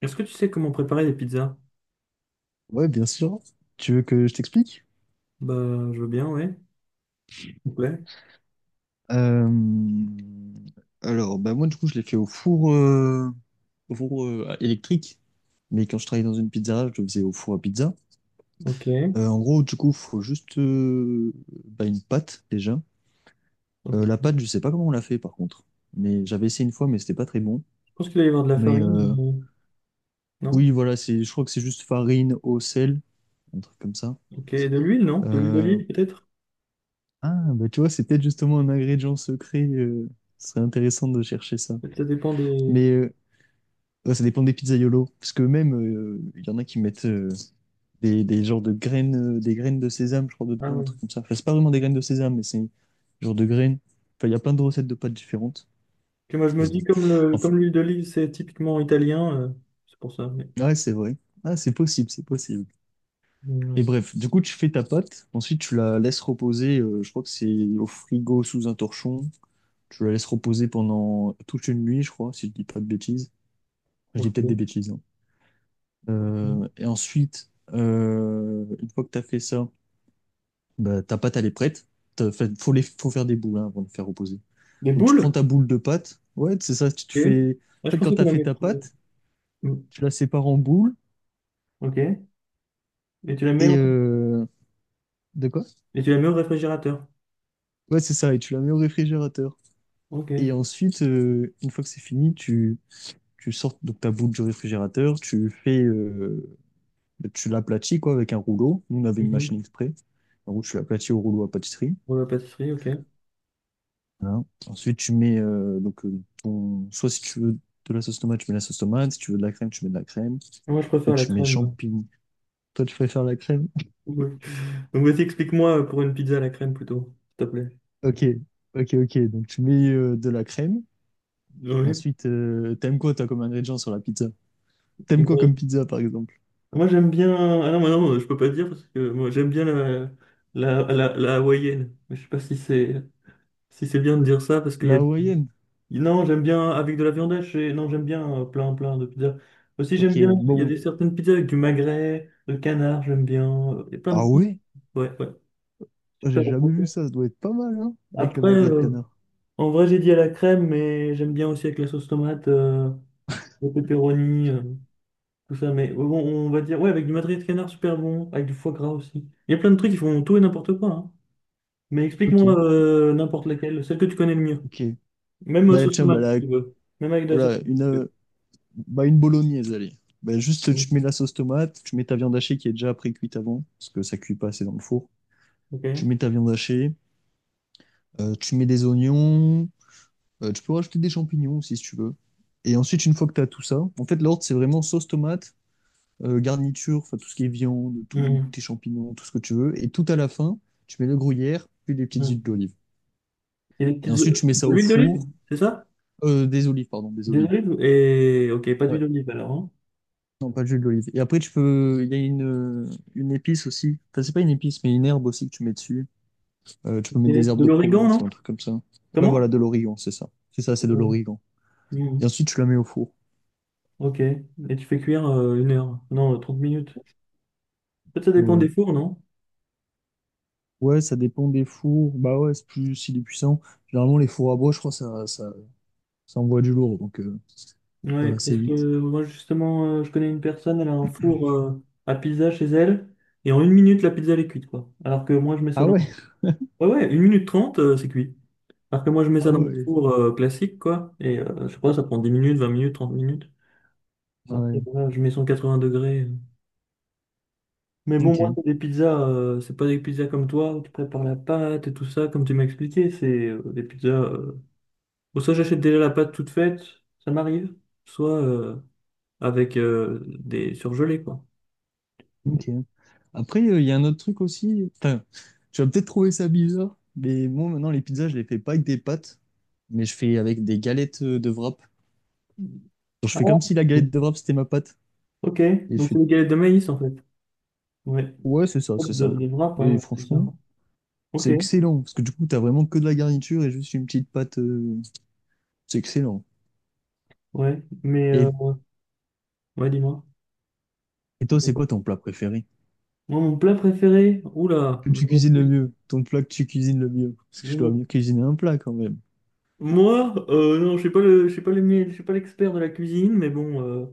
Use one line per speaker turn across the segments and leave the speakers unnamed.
Est-ce que tu sais comment préparer des pizzas?
Ouais, bien sûr. Tu veux que je t'explique?
Bah, je veux bien, ouais. S'il te plaît.
Euh, Alors, bah moi, du coup, je l'ai fait au four électrique. Mais quand je travaillais dans une pizzeria, je le faisais au four à pizza.
Ok,
En gros, du coup, faut juste bah, une pâte, déjà. La
ok.
pâte, je sais pas comment on l'a fait, par contre. Mais j'avais essayé une fois, mais c'était pas très bon.
Je pense qu'il va y avoir de la
Mais
farine,
euh,
non?
oui, voilà, je crois que c'est juste farine, eau, sel, un truc comme ça.
Ok, de l'huile, non? De l'huile
Euh,
d'olive, peut-être?
Ah, bah tu vois, c'est peut-être justement un ingrédient secret. Ce serait intéressant de chercher ça.
Peut-être, ça dépend. Des...
Mais ouais, ça dépend des pizzaiolos. Parce que même, il y en a qui mettent des genres de graines, des graines de sésame, je crois,
Ah
dedans, un
ouais.
truc comme ça. Enfin, c'est pas vraiment des graines de sésame, mais c'est un genre de graines. Enfin, il y a plein de recettes de pâtes différentes.
Que moi, je me
Et
dis,
bon. Enfin,
comme l'huile d'olive, c'est typiquement italien, c'est pour ça, mais.
ouais, c'est vrai. Ah, c'est possible, c'est possible. Et
Ouais.
bref, du coup, tu fais ta pâte. Ensuite, tu la laisses reposer. Je crois que c'est au frigo sous un torchon. Tu la laisses reposer pendant toute une nuit, je crois, si je dis pas de bêtises. Enfin, je dis
Ok.
peut-être des bêtises, hein.
Ok.
Et ensuite, une fois que tu as fait ça, bah, ta pâte, elle est prête. Faut faire des boules, hein, avant de faire reposer.
Des
Donc, tu prends
boules?
ta boule de pâte. Ouais, c'est ça. Tu te
Ok.
fais...
Ah,
En
je
fait, quand
pensais
tu
qu'on
as
la
fait
mettre.
ta pâte,
Mm.
tu la sépares en boules.
Ok. Et tu la mets
Et...
au.
euh, De quoi?
Et tu la mets au réfrigérateur?
Ouais, c'est ça. Et tu la mets au réfrigérateur.
Ok.
Et ensuite, une fois que c'est fini, tu sors donc ta boule du réfrigérateur. Tu l'aplatis, quoi, avec un rouleau. Nous, on avait une machine
Mhm.
exprès. En gros, tu l'aplatis au rouleau à pâtisserie.
Pour la pâtisserie, ok.
Voilà. Ensuite, tu mets donc ton. Soit si tu veux de la sauce tomate, tu mets la sauce tomate. Si tu veux de la crème, tu mets de la crème.
Moi, je préfère
Ensuite,
la
tu mets
crème.
champignons. Toi, tu préfères la crème?
Oui. Donc vas-y, explique-moi pour une pizza à la crème plutôt, s'il te plaît.
Ok, ok, ok. Donc, tu mets de la crème.
Oui.
Ensuite, t'aimes quoi, toi, comme ingrédient sur la pizza? T'aimes quoi comme
Bon.
pizza, par exemple?
Moi j'aime bien. Ah non, mais non, je peux pas dire parce que moi j'aime bien la hawaïenne. Mais je sais pas si c'est bien de dire ça parce qu'il y
La
a.
hawaïenne.
Non, j'aime bien avec de la viande hachée. Non, j'aime bien plein plein de pizzas. Aussi
Ok,
j'aime bien. Il y a
bon.
des certaines pizzas avec du magret, de canard, j'aime bien. Il y a plein de
Ah
pizzas.
ouais?
Ouais, ouais.
Moi, j'ai
Super
jamais
bon.
vu ça. Ça doit être pas mal, hein? Avec le
Après,
magret de canard.
en vrai j'ai dit à la crème, mais j'aime bien aussi avec la sauce tomate, le pepperoni. Tout ça, mais bon, on va dire, ouais, avec du madrier de canard, super bon, avec du foie gras aussi. Il y a plein de trucs qui font tout et n'importe quoi, hein. Mais explique-moi
Ok,
n'importe laquelle, celle que tu connais le mieux.
ok.
Même
Bah,
sauce
tiens, bah,
tomate, si tu veux. Même avec de la sauce
voilà,
tomate.
bah, une bolognaise, allez. Bah, juste,
Mm.
tu mets la sauce tomate, tu mets ta viande hachée qui est déjà pré-cuite avant, parce que ça cuit pas assez dans le four.
Ok.
Tu mets ta viande hachée, tu mets des oignons, tu peux rajouter des champignons aussi si tu veux. Et ensuite, une fois que tu as tout ça, en fait, l'ordre, c'est vraiment sauce tomate, garniture, enfin tout ce qui est viande, tous
Mm.
tes champignons, tout ce que tu veux. Et tout à la fin, tu mets le gruyère, puis des petites huiles
Mm.
d'olive. Et ensuite, tu mets ça
De
au
l'huile d'olive,
four,
c'est ça?
des olives, pardon, des olives.
Ok, pas d'huile
Ouais.
d'olive alors, hein.
Non, pas de jus d'olive. Et après, tu peux. Il y a une épice aussi. Enfin, c'est pas une épice, mais une herbe aussi que tu mets dessus. Tu
Ok.
peux mettre des herbes
De
de
l'origan,
Provence
non?
ou un truc comme ça. Ouais,
Comment?
voilà, de l'origan, c'est ça. C'est ça, c'est de
Mm.
l'origan. Et
Mm.
ensuite, tu la mets au four.
Ok. Et tu fais cuire 1 heure. Non, 30 minutes. Peut-être ça dépend
Ouais, ouais.
des fours, non?
Ouais, ça dépend des fours. Bah ouais, c'est plus s'il est puissant. Généralement, les fours à bois, je crois, ça envoie du lourd, donc ça va
Ouais,
assez
parce
vite.
que moi justement, je connais une personne, elle a un four à pizza chez elle, et en 1 minute, la pizza elle est cuite, quoi. Alors que moi, je mets ça
Ah
dans.
ouais?
Ouais, ouais, 1 minute 30, c'est cuit. Alors que moi, je mets
Ah
ça dans mon
ouais.
four classique, quoi, et je sais pas, ça prend 10 minutes, 20 minutes, 30 minutes. Après,
Ouais.
voilà, je mets 180 degrés. Mais bon, moi,
Ok,
c'est des pizzas, c'est pas des pizzas comme toi, où tu prépares la pâte et tout ça, comme tu m'as expliqué, c'est des pizzas. Bon, soit j'achète déjà la pâte toute faite, ça m'arrive, soit avec des surgelés, quoi.
ok. Après, il y a un autre truc aussi. Enfin, tu vas peut-être trouver ça bizarre, mais moi, maintenant, les pizzas, je les fais pas avec des pâtes, mais je fais avec des galettes de wrap. Genre, je
Ah,
fais comme
ouais.
si la galette de wrap, c'était ma pâte.
Ok.
Et je
Donc c'est
fais,
des galettes de maïs en fait. Ouais.
ouais, c'est ça, c'est
De,
ça.
des wraps,
Et
hein, c'est ça.
franchement, c'est
Ok,
excellent, parce que du coup, t'as vraiment que de la garniture et juste une petite pâte. C'est excellent.
ouais. Mais
Et,
ouais, dis-moi.
et toi, c'est quoi ton plat préféré?
Moi, mon plat préféré. Oula,
Que tu cuisines le mieux? Ton plat que tu cuisines le mieux? Parce que je dois
fous.
mieux cuisiner un plat quand même.
Moi, non, je suis pas le, je suis pas le, mie- je suis pas l'expert de la cuisine, mais bon. euh,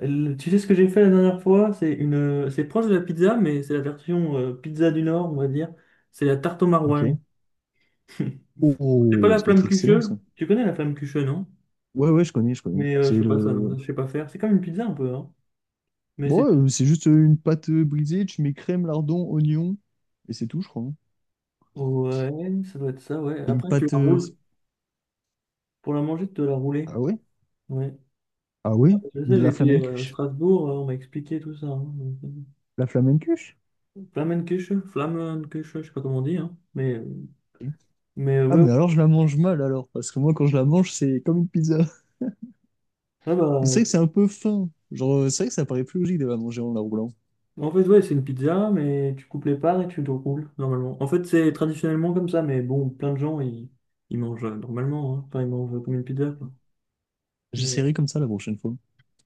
le- Tu sais ce que j'ai fait la dernière fois? C'est proche de la pizza, mais c'est la version pizza du Nord, on va dire. C'est la tarte au
Ok.
maroilles.
Oh,
C'est pas
oh, oh,
la
ça doit
flamme
être excellent,
cucheux.
ça.
Tu connais la flamme cucheux, non?
Ouais, ouais, je connais, je connais.
Mais je
C'est
fais pas ça, donc
le...
ça, je sais pas faire. C'est comme une pizza un peu, hein. Mais
Bon,
c'est.
ouais, c'est juste une pâte brisée, tu mets crème, lardon, oignon, et c'est tout, je crois, hein.
Ouais, ça doit être ça, ouais.
Et une
Après, tu
pâte.
la roules. Pour la manger, tu dois la rouler.
Ah ouais?
Ouais.
Ah ouais?
Je sais,
De la
j'étais à
flamencuche?
Strasbourg, on m'a expliqué tout ça, hein. Donc,
La flamencuche?
Flamenküche, Flammenküche, je sais pas comment on dit, hein. Mais, euh,
Ok.
mais euh,
Ah,
ouais, ouais.
mais alors je la mange mal alors, parce que moi quand je la mange, c'est comme une pizza.
Ah bah,
Mais c'est vrai que c'est un peu fin. Genre, c'est vrai que ça paraît plus logique de la manger en la roulant.
en fait, ouais, c'est une pizza, mais tu coupes les parts et tu te roules, normalement. En fait, c'est traditionnellement comme ça, mais bon, plein de gens, ils mangent normalement, hein. Enfin, ils mangent comme une pizza, quoi. Mais,
J'essaierai comme ça la prochaine fois.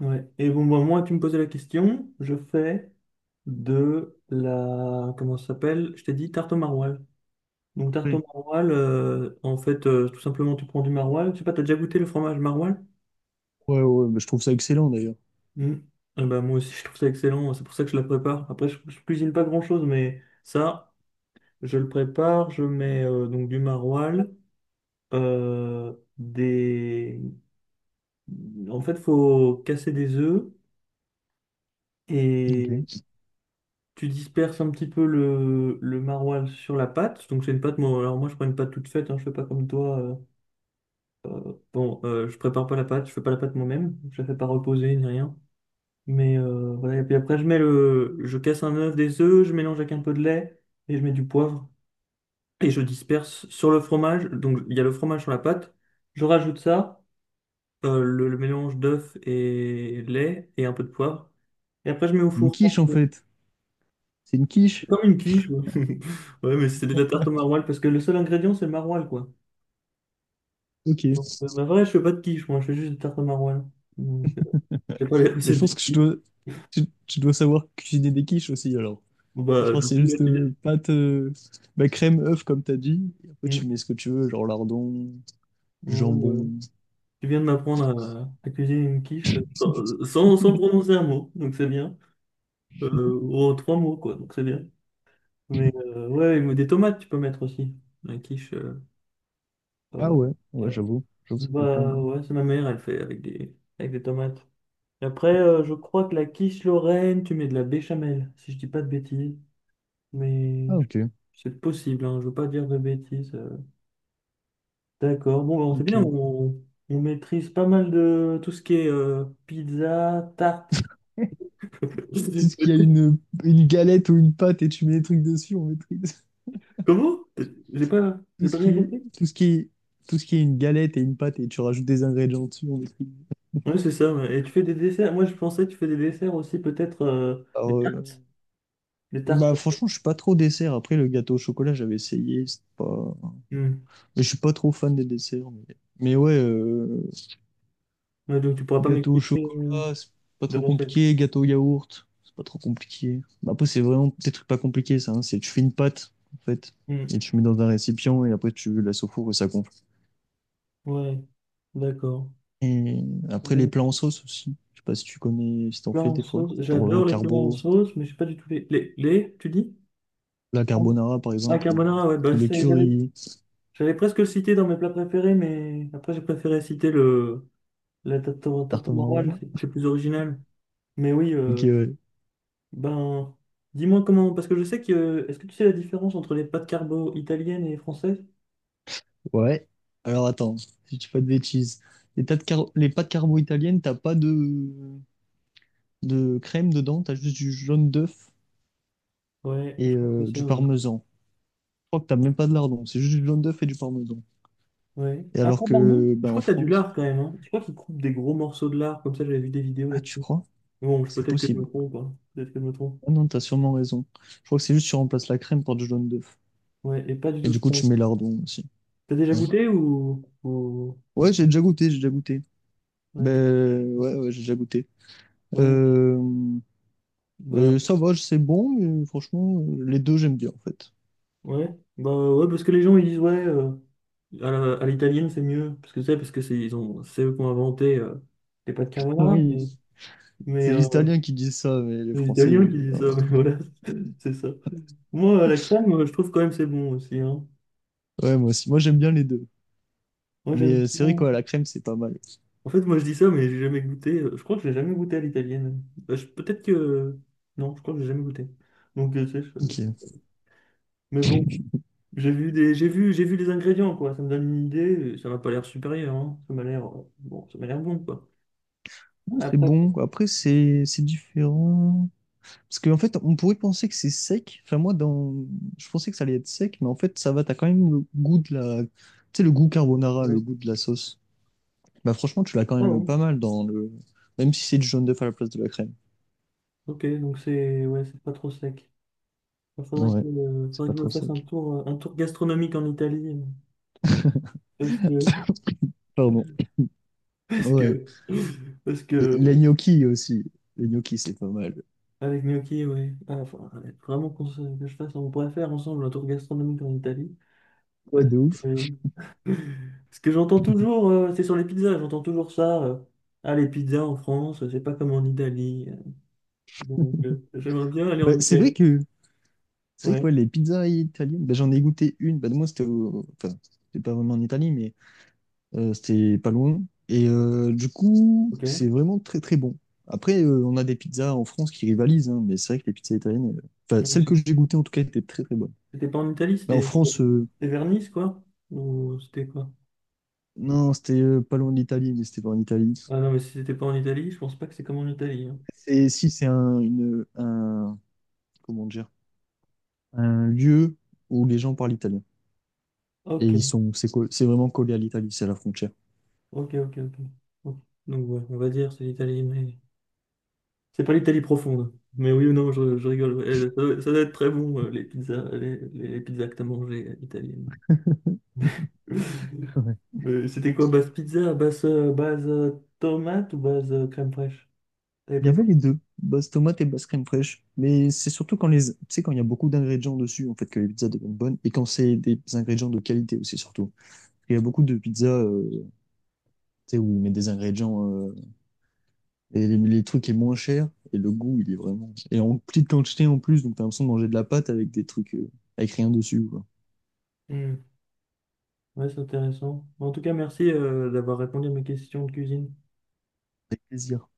ouais. Et bon, bah, moi, tu me posais la question, je fais de la... Comment ça s'appelle? Je t'ai dit tarte au maroilles. Donc, tarte au
Ouais.
maroilles, en fait, tout simplement, tu prends du maroilles. Je sais pas, t'as déjà goûté le fromage maroilles?
Ouais, ouais, bah, je trouve ça excellent d'ailleurs.
Mm. Eh ben, moi aussi, je trouve ça excellent. C'est pour ça que je la prépare. Après, je cuisine pas grand-chose, mais ça, je le prépare. Je mets donc du maroilles, euh, des... En fait, faut casser des œufs et
Ok.
tu disperses un petit peu le maroilles sur la pâte. Donc c'est une pâte, moi, alors moi je prends une pâte toute faite, hein, je fais pas comme toi. Bon, je prépare pas la pâte, je fais pas la pâte moi-même, je la fais pas reposer ni rien. Mais voilà, et puis après je casse un œuf, des œufs, je mélange avec un peu de lait et je mets du poivre et je disperse sur le fromage. Donc il y a le fromage sur la pâte, je rajoute ça, le mélange d'œuf et lait et un peu de poivre. Et après je mets au
Une
four.
quiche en fait. C'est une quiche?
Comme une quiche. Ouais. Ouais, mais c'est de la tarte au maroilles parce que le seul ingrédient, c'est le maroilles, quoi.
Ok. Mais
Donc, bah, vrai, je fais pas de quiche, moi, je fais juste des tartes au maroilles. Donc, j'ai pas les
je
recettes des
pense que je
quiches.
dois. Tu dois savoir cuisiner des quiches aussi alors.
Bon,
Je
bah,
crois
du
que c'est
coup, là,
juste
tu viens.
pâte, bah, crème, œuf, comme t'as dit. Et après, tu
Mm.
mets ce que tu veux, genre lardon,
Ouais,
du jambon.
ouais. Tu viens de m'apprendre à cuisiner une quiche sans prononcer un mot, donc c'est bien. Oh, 3 mots, quoi, donc c'est bien. Mais ouais, ou des tomates, tu peux mettre aussi. La quiche.
Ah
Euh,
ouais, ouais,
euh,
j'avoue. J'avoue, ça peut être pas
Bah,
mal.
ouais, c'est ma mère, elle fait avec des tomates. Et après, je crois que la quiche Lorraine, tu mets de la béchamel, si je dis pas de bêtises. Mais
Ah ok,
c'est possible, hein, je veux pas dire de bêtises. D'accord, bon, bon, c'est bien,
ok.
on maîtrise pas mal de tout ce qui est pizza, tarte.
Tout ce qui a une galette ou une pâte et tu mets des trucs dessus, on maîtrise.
Comment? J'ai pas,
Tout
j'ai
ce
pas
qui
bien
est,
compris.
tout ce qui est, tout ce qui est une galette et une pâte et tu rajoutes des ingrédients dessus, on maîtrise.
Oui, c'est ça, ouais. Et tu fais des desserts. Moi, je pensais que tu fais des desserts aussi, peut-être des
Alors,
tartes. Des tartes.
bah franchement, je suis pas trop dessert. Après, le gâteau au chocolat, j'avais essayé, c'est pas...
Hmm.
Mais je suis pas trop fan des desserts. Mais ouais,
Ouais, donc, tu pourras pas
gâteau au
m'expliquer
chocolat, c'est pas
de
trop
recette.
compliqué. Gâteau au yaourt, c'est pas trop compliqué. Bah, après, c'est vraiment des trucs pas compliqués, ça, hein. C'est tu fais une pâte, en fait,
Hmm.
et tu mets dans un récipient, et après tu laisses au four et ça gonfle.
Ouais, d'accord.
Et après, les plats
Bon.
en sauce aussi. Je sais pas si tu connais, si t'en
Plats
fais
en
des fois.
sauce.
Genre
J'adore les plats en sauce, mais je sais pas du tout les. Les tu dis?
la carbonara, par
Ah,
exemple, ou
carbonara, ouais, bah,
poulet
j'allais
curry,
j'allais presque le citer dans mes plats préférés, mais après, j'ai préféré citer la tarte
tarte
au
au
maroilles,
maroilles.
c'est plus original. Mais oui,
Ok, ouais.
ben, dis-moi comment, parce que je sais que. Est-ce que tu sais la différence entre les pâtes carbo italiennes et françaises?
Ouais. Alors attends, si tu fais pas de bêtises. Les pâtes carbo italiennes, t'as pas de crème dedans, t'as juste du jaune d'œuf
Ouais, je
et
crois que c'est ça.
du
Ouais.
parmesan. Je crois que t'as même pas de lardon, c'est juste du jaune d'œuf et du parmesan.
Ouais.
Et alors
Après, de lardon?
que
Je
bah, en
crois que t'as du
France,
lard quand même, hein. Je crois qu'ils coupent des gros morceaux de lard, comme ça, j'avais vu des vidéos
ah tu
là-dessus.
crois?
Bon,
Ah, c'est
peut-être que je me
possible.
trompe, hein. Peut-être que je me trompe.
Ah non, t'as sûrement raison. Je crois que c'est juste tu remplaces la crème par du jaune d'œuf.
Ouais, et pas du
Et
tout.
du
Tu
coup tu mets lardon aussi.
T'as déjà
Ouais,
goûté ou
ouais,
pas.
j'ai déjà goûté, j'ai déjà goûté.
Ouais.
Ben ouais, ouais, j'ai déjà goûté.
Ouais,
Euh,
bah,
ça va, c'est bon, mais franchement, les deux j'aime bien en fait.
ouais, bah, ouais, parce que les gens ils disent ouais, à l'italienne c'est mieux, parce que c'est ils ont c'est eux qui ont inventé les pâtes carbonara,
Oui,
mais mais
c'est les
euh,
Italiens qui disent ça, mais les
c'est les
Français ils
Italiens
aiment
qui
bien.
disent ça, mais voilà, c'est ça. Moi à la crème, je trouve quand même c'est bon aussi, hein.
Ouais, moi aussi, moi j'aime bien les deux.
Moi
Mais
j'aime.
euh, c'est vrai
bien.
quoi, la crème c'est pas mal.
En fait, moi je dis ça, mais j'ai jamais goûté. Je crois que j'ai jamais goûté à l'italienne. Bah, peut-être que non, je crois que j'ai jamais goûté. Donc tu sais,
Ok.
mais bon. J'ai vu des, j'ai vu les ingrédients, quoi. Ça me donne une idée. Ça m'a pas l'air supérieur, hein. Ça m'a l'air, bon, ça m'a l'air bon, quoi.
Ouais, c'est
Après,
bon. Après, c'est différent. Parce qu'en fait, on pourrait penser que c'est sec. Enfin, moi, dans... je pensais que ça allait être sec, mais en fait, ça va. T'as quand même le goût de la... Tu sais, le goût carbonara, le
ouais.
goût de la sauce. Bah, franchement, tu l'as quand
Ah
même
bon.
pas mal dans le... Même si c'est du jaune d'œuf à la place de la crème.
Ok, donc c'est, ouais, c'est pas trop sec. Il faudrait
Ouais,
que, euh,
c'est
faudrait
pas
que je me
trop
fasse un
sec.
tour, un tour gastronomique en Italie. Parce que,
Pardon.
parce
Ouais.
que, parce que,
Les
euh,
gnocchis aussi. Les gnocchis, c'est pas mal.
avec Gnocchi, ouais. Ah, enfin, ouais, vraiment que je fasse, on pourrait faire ensemble un tour gastronomique en Italie.
Ouais,
Parce
de ouf.
que, ce que j'entends toujours, c'est sur les pizzas, j'entends toujours ça. Ah, les pizzas en France, c'est pas comme en Italie. Donc, j'aimerais bien aller
Bah,
en
c'est vrai
Italie.
que... C'est vrai
Ouais,
que ouais, les pizzas italiennes, bah, j'en ai goûté une. Bah, moi, c'était... Enfin, c'était pas vraiment en Italie, mais... C'était pas loin. Et du coup,
ok.
c'est vraiment très très bon. Après, on a des pizzas en France qui rivalisent, hein, mais c'est vrai que les pizzas italiennes, enfin
Donc,
celles que j'ai goûtées en tout cas, étaient très très bonnes.
C'était pas en Italie,
Mais en
c'était
France,
c'était vers Nice, quoi? Ou c'était quoi?
non, c'était pas loin de l'Italie, mais c'était pas en Italie.
Ah non, mais si c'était pas en Italie, je pense pas que c'est comme en Italie, hein.
Et si, c'est un, comment dire, un lieu où les gens parlent italien. Et
Ok,
ils sont, c'est co- c'est vraiment collé à l'Italie, c'est à la frontière.
ok, ok, ok. Ok. Donc, ouais, on va dire c'est l'Italie, mais c'est pas l'Italie profonde. Mais oui ou non, je rigole, ouais, ça doit ça doit être très bon, les pizzas, les pizzas que t'as mangées italiennes. C'était quoi, base pizza, base tomate ou base crème fraîche? T'avais
Il y
pris
avait
quoi?
les deux, base tomate et base crème fraîche. Mais c'est surtout tu sais, quand il y a beaucoup d'ingrédients dessus, en fait, que les pizzas deviennent bonnes. Et quand c'est des ingrédients de qualité aussi, surtout. Il y a beaucoup de pizzas, tu sais, où ils mettent des ingrédients, et les trucs est moins cher, et le goût, il est vraiment. Et en petite quantité en plus, donc t'as l'impression de manger de la pâte avec des trucs, avec rien dessus, quoi.
Hmm, ouais, c'est intéressant. Bon, en tout cas, merci d'avoir répondu à mes questions de cuisine.
Avec plaisir.